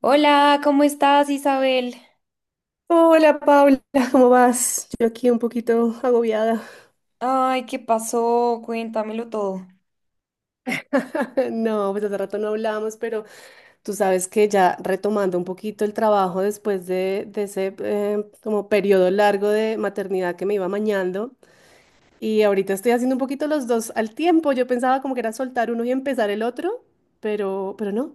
Hola, ¿cómo estás, Isabel? Hola Paula, ¿cómo vas? Yo aquí un poquito agobiada. Ay, ¿qué pasó? Cuéntamelo todo. No, pues hace rato no hablamos, pero tú sabes que ya retomando un poquito el trabajo después de ese como periodo largo de maternidad que me iba mañando y ahorita estoy haciendo un poquito los dos al tiempo. Yo pensaba como que era soltar uno y empezar el otro, pero no.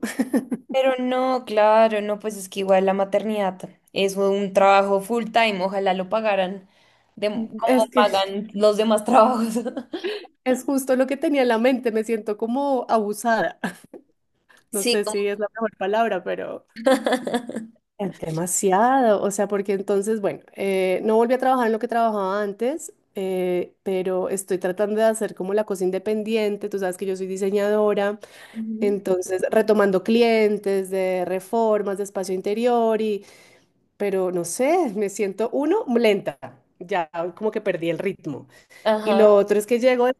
Pero no, claro, no, pues es que igual la maternidad es un trabajo full time, ojalá lo pagaran de, como Es que pagan los demás trabajos. es justo lo que tenía en la mente, me siento como abusada. No Sí, sé si como... es la mejor palabra, pero. Es demasiado, o sea, porque entonces, bueno, no volví a trabajar en lo que trabajaba antes, pero estoy tratando de hacer como la cosa independiente, tú sabes que yo soy diseñadora, Ujú. entonces retomando clientes de reformas, de espacio interior pero no sé, me siento uno lenta, ya como que perdí el ritmo. Y Ajá, lo otro es que llego de,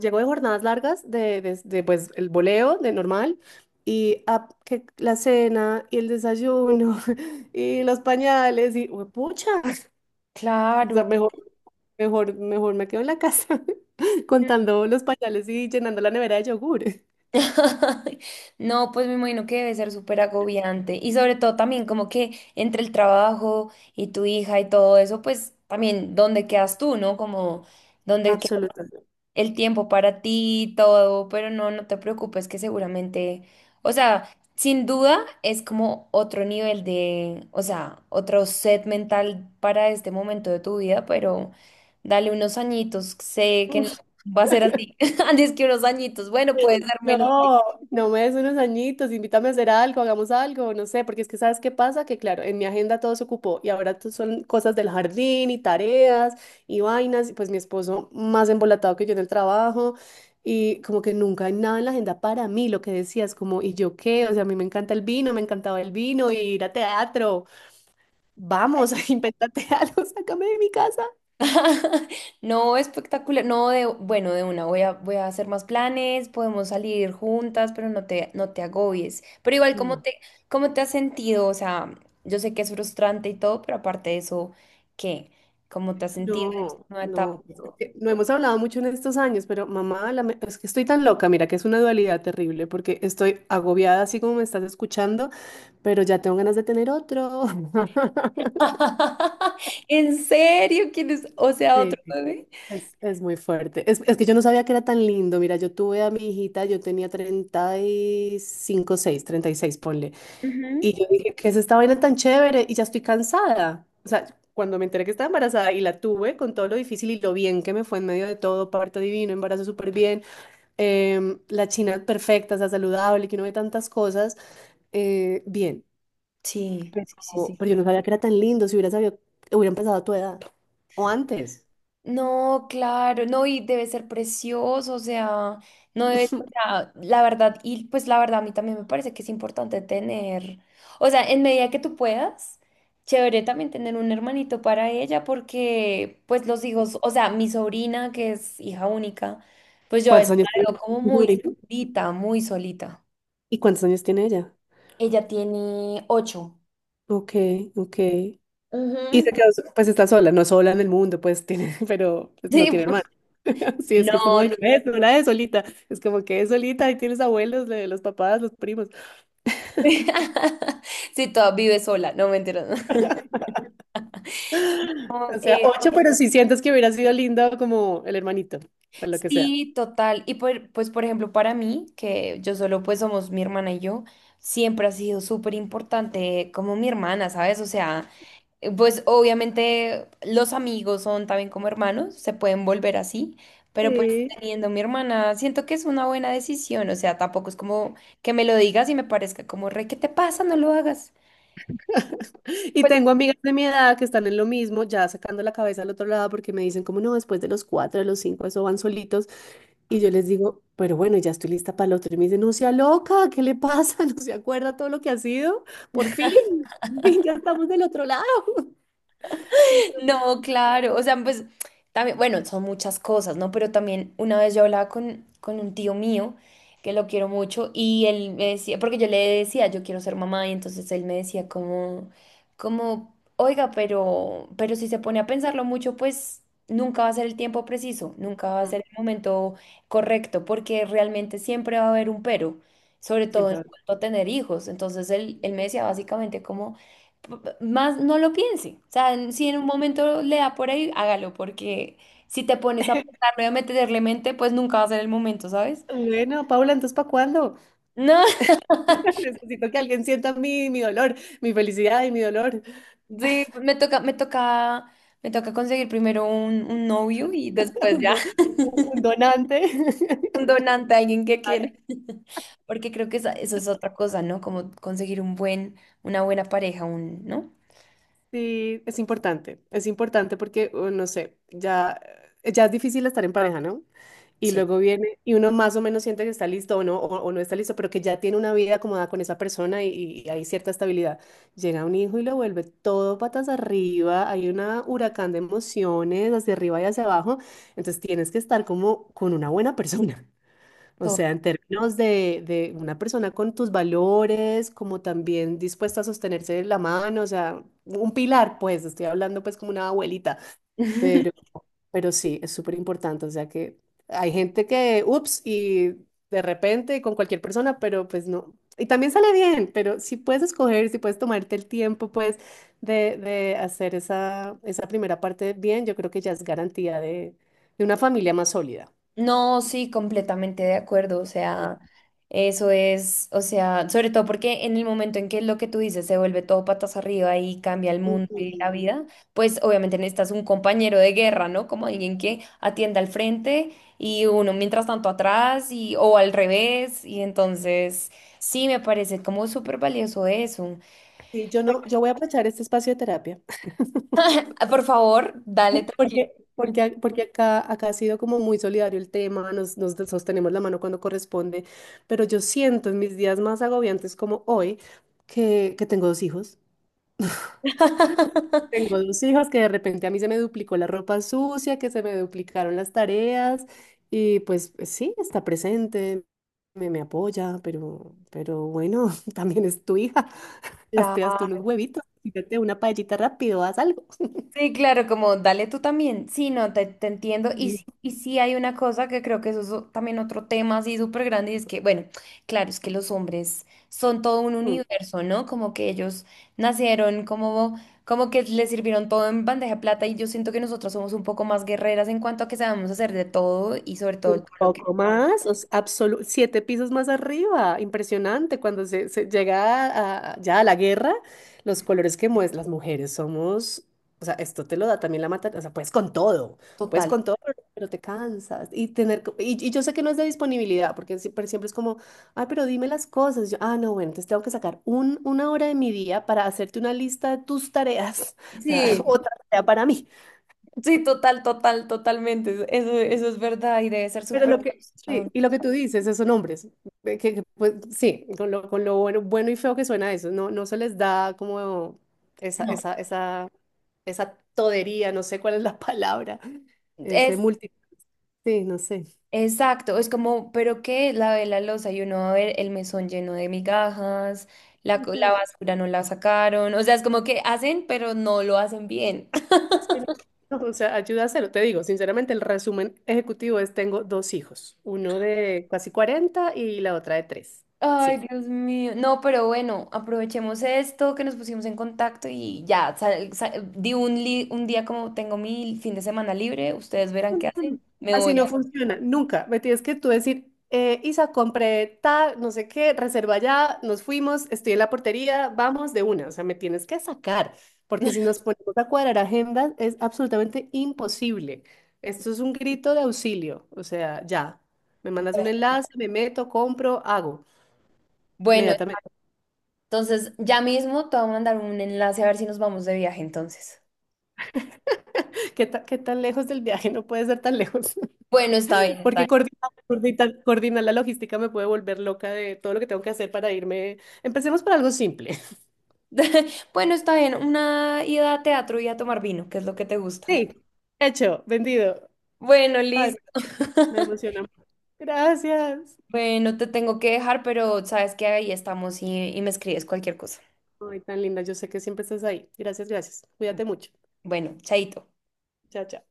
llego de jornadas largas, pues el voleo, de normal, y ah, que la cena y el desayuno y los pañales y pucha, o claro. sea, mejor, mejor, mejor me quedo en la casa contando los pañales y llenando la nevera de yogur. No, pues me imagino que debe ser súper agobiante. Y sobre todo también como que entre el trabajo y tu hija y todo eso, pues también dónde quedas tú, ¿no? Como dónde Absolutamente. el tiempo para ti, y todo, pero no, no te preocupes que seguramente, o sea, sin duda es como otro nivel de, o sea, otro set mental para este momento de tu vida, pero dale unos añitos, sé que no va a ser así, antes que unos añitos, bueno, puede ser menos. No, no me des unos añitos, invítame a hacer algo, hagamos algo, no sé, porque es que sabes qué pasa, que claro, en mi agenda todo se ocupó y ahora son cosas del jardín y tareas y vainas, y pues mi esposo más embolatado que yo en el trabajo y como que nunca hay nada en la agenda para mí, lo que decías, como, ¿y yo qué? O sea, a mí me encanta el vino, me encantaba el vino, ir a teatro, vamos, invéntate algo, sácame de mi casa. No, espectacular. No, de, bueno, de una, voy a, voy a hacer más planes, podemos salir juntas, pero no te, no te agobies. Pero igual, cómo te has sentido? O sea, yo sé que es frustrante y todo, pero aparte de eso, ¿qué? ¿Cómo te has sentido en esta No, nueva etapa? no, es que no hemos hablado mucho en estos años, pero mamá, es que estoy tan loca, mira que es una dualidad terrible, porque estoy agobiada así como me estás escuchando, pero ya tengo ganas de tener otro. ¿En serio? ¿Quién es? O sea, Sí, otro bebé. es muy fuerte. Es que yo no sabía que era tan lindo. Mira, yo tuve a mi hijita, yo tenía 35, seis, 36, ponle. Y Ujú. yo dije, ¿qué es esta vaina tan chévere? Y ya estoy cansada. O sea, cuando me enteré que estaba embarazada y la tuve con todo lo difícil y lo bien que me fue en medio de todo, parto divino, embarazo súper bien, la china perfecta, o sea, saludable, que no ve tantas cosas, bien. Sí, sí, sí, Pero, sí. pero yo no sabía que era tan lindo, si hubiera sabido, hubiera empezado a tu edad o antes. No, claro, no, y debe ser precioso, o sea, no debe ser, o sea, la verdad, y pues la verdad a mí también me parece que es importante tener, o sea, en medida que tú puedas, chévere también tener un hermanito para ella, porque pues los hijos, o sea, mi sobrina que es hija única, pues yo a ¿Cuántos veces años tiene la veo como tu muy sobrina? solita, muy solita. ¿Y cuántos años tiene ella? Ella tiene 8. Ok, ok. Y se Ujú. quedó, pues está sola, no sola en el mundo, pues tiene, pero pues, no Sí, tiene pues, hermano. Sí, es no, que es como, no. ay, no no es, no la es solita. Es como que es solita y tienes abuelos, los papás, los primos. Sí, toda vive sola, no me entiendes. O sea, ocho, pero si sientes que hubiera sido lindo como el hermanito, o lo que sea. Sí, total. Y por- pues, por ejemplo, para mí, que yo solo pues somos mi hermana y yo, siempre ha sido súper importante como mi hermana, ¿sabes? O sea, pues obviamente los amigos son también como hermanos, se pueden volver así, pero pues Sí. teniendo mi hermana, siento que es una buena decisión. O sea, tampoco es como que me lo digas y me parezca como, re, ¿qué te pasa? No lo hagas. Y Pues tengo amigas de mi edad que están en lo mismo, ya sacando la cabeza al otro lado porque me dicen como no, después de los cuatro, de los cinco, eso van solitos. Y yo les digo, pero bueno, ya estoy lista para el otro. Y me dicen, no sea loca, ¿qué le pasa? ¿No se acuerda todo lo que ha sido? Por fin, por fin, ya estamos del otro lado. Entonces, No, claro, o sea, pues también, bueno, son muchas cosas, ¿no? Pero también una vez yo hablaba con un tío mío, que lo quiero mucho, y él me decía, porque yo le decía, yo quiero ser mamá, y entonces él me decía como, como, oiga, pero si se pone a pensarlo mucho, pues nunca va a ser el tiempo preciso, nunca va a mm, ser el momento correcto, porque realmente siempre va a haber un pero, sobre todo siempre. en cuanto a tener hijos. Entonces él me decía básicamente como más no lo piense. O sea, en- si en un momento le da por ahí, hágalo, porque si te pones a pensarlo y a meterle mente, pues nunca va a ser el momento, ¿sabes? Bueno, Paula, ¿entonces para cuándo? No, Necesito que alguien sienta mi, mi dolor, mi felicidad y mi dolor. sí, me toca, me toca, me toca conseguir primero un novio y después Un, ya do- un donante. un donante, alguien que quiera. Porque creo que esa- eso es otra cosa, ¿no? Como conseguir un buen, una buena pareja, un, ¿no? Sí, es importante porque, no sé, ya, ya es difícil estar en pareja, ¿no? Y Sí, luego viene, y uno más o menos siente que está listo o no está listo, pero que ya tiene una vida acomodada con esa persona y hay cierta estabilidad. Llega un hijo y lo vuelve todo patas arriba, hay un huracán de emociones hacia arriba y hacia abajo, entonces tienes que estar como con una buena persona. O todo. sea, en términos de una persona con tus valores, como también dispuesta a sostenerse de la mano, o sea, un pilar, pues, estoy hablando pues como una abuelita, pero, pero sí, es súper importante, o sea que hay gente que, ups, y de repente con cualquier persona, pero pues no. Y también sale bien, pero si puedes escoger, si puedes tomarte el tiempo, pues, de hacer esa primera parte bien, yo creo que ya es garantía de una familia más sólida. No, sí, completamente de acuerdo. O sea, eso es, o sea, sobre todo porque en el momento en que lo que tú dices se vuelve todo patas arriba y cambia el mundo y la Ujú. vida, pues obviamente necesitas un compañero de guerra, ¿no? Como alguien que atienda al frente y uno mientras tanto atrás y o al revés. Y entonces, sí, me parece como súper valioso eso. Sí, yo no, yo voy a aprovechar este espacio de terapia, Ah, por favor, dale tranquilo. porque acá ha sido como muy solidario el tema, nos sostenemos la mano cuando corresponde, pero yo siento en mis días más agobiantes como hoy que tengo dos hijos. Tengo dos hijos que de repente a mí se me duplicó la ropa sucia, que se me duplicaron las tareas y pues pues sí, está presente, me apoya, pero bueno, también es tu hija, hazte, hazte unos Claro. huevitos, fíjate una paellita rápido, haz algo. Sí, claro, como dale tú también. Sí, no, te entiendo. Sí. Y sí hay una cosa que creo que eso es o- también otro tema así súper grande y es que, bueno, claro, es que los hombres son todo un universo, ¿no? Como que ellos nacieron, como, como que les sirvieron todo en bandeja de plata y yo siento que nosotras somos un poco más guerreras en cuanto a que sabemos hacer de todo y sobre todo Un todo lo que... poco más, o sea, siete pisos más arriba, impresionante. Cuando se llega ya a la guerra, los colores que muestran las mujeres somos, o sea, esto te lo da también la mata, o sea, puedes Total. con todo, pero te cansas. Y tener, y yo sé que no es de disponibilidad, porque siempre, siempre es como, ay, pero dime las cosas. Yo, ah, no, bueno, entonces tengo que sacar una hora de mi día para hacerte una lista de tus tareas, o sea, Sí, otra tarea para mí. sí, total, total, totalmente. Eso es verdad y debe ser Pero súper lo que, sí, y lo frustrante. que tú dices, esos nombres, que, pues sí, con lo bueno, bueno y feo que suena eso, no, no se les da como esa, No. esa, esa, esa todería, no sé cuál es la palabra, ese multi, sí, no sé. Exacto, es como, pero que lavé la loza y uno va a ver el mesón lleno de migajas, la, co- Ujú, la basura no la sacaron, o sea, es como que hacen, pero no lo hacen bien. sí, no, o sea, ayuda a hacerlo. Te digo, sinceramente, el resumen ejecutivo es, tengo dos hijos, uno de casi 40 y la otra de tres. Ay, Sí. Dios mío. No, pero bueno, aprovechemos esto que nos pusimos en contacto y ya, sal- sal- di un, li- un día como tengo mi fin de semana libre, ustedes verán qué hacen, me Así voy no a... funciona, nunca. Me tienes que tú decir, Isa, compré tal, no sé qué, reserva ya, nos fuimos, estoy en la portería, vamos de una. O sea, me tienes que sacar, porque si nos ponemos a cuadrar agendas es absolutamente imposible. Esto es un grito de auxilio. O sea, ya, me mandas un enlace, me meto, compro, hago Bueno, inmediatamente. entonces ya mismo te voy a mandar un enlace a ver si nos vamos de viaje entonces. ¿Qué tan lejos del viaje? No puede ser tan lejos. Bueno, está bien, está Porque bien. coordinar la logística me puede volver loca de todo lo que tengo que hacer para irme. Empecemos por algo simple. Bueno, está bien, una ida a teatro y a tomar vino, que es lo que te gusta. Sí, hecho, vendido. Bueno, Ay, listo. me emociona. Gracias. Bueno, te tengo que dejar, pero sabes que ahí estamos y me escribes cualquier cosa. Ay, tan linda. Yo sé que siempre estás ahí. Gracias, gracias. Cuídate mucho. Bueno, chaito. Chao, chao.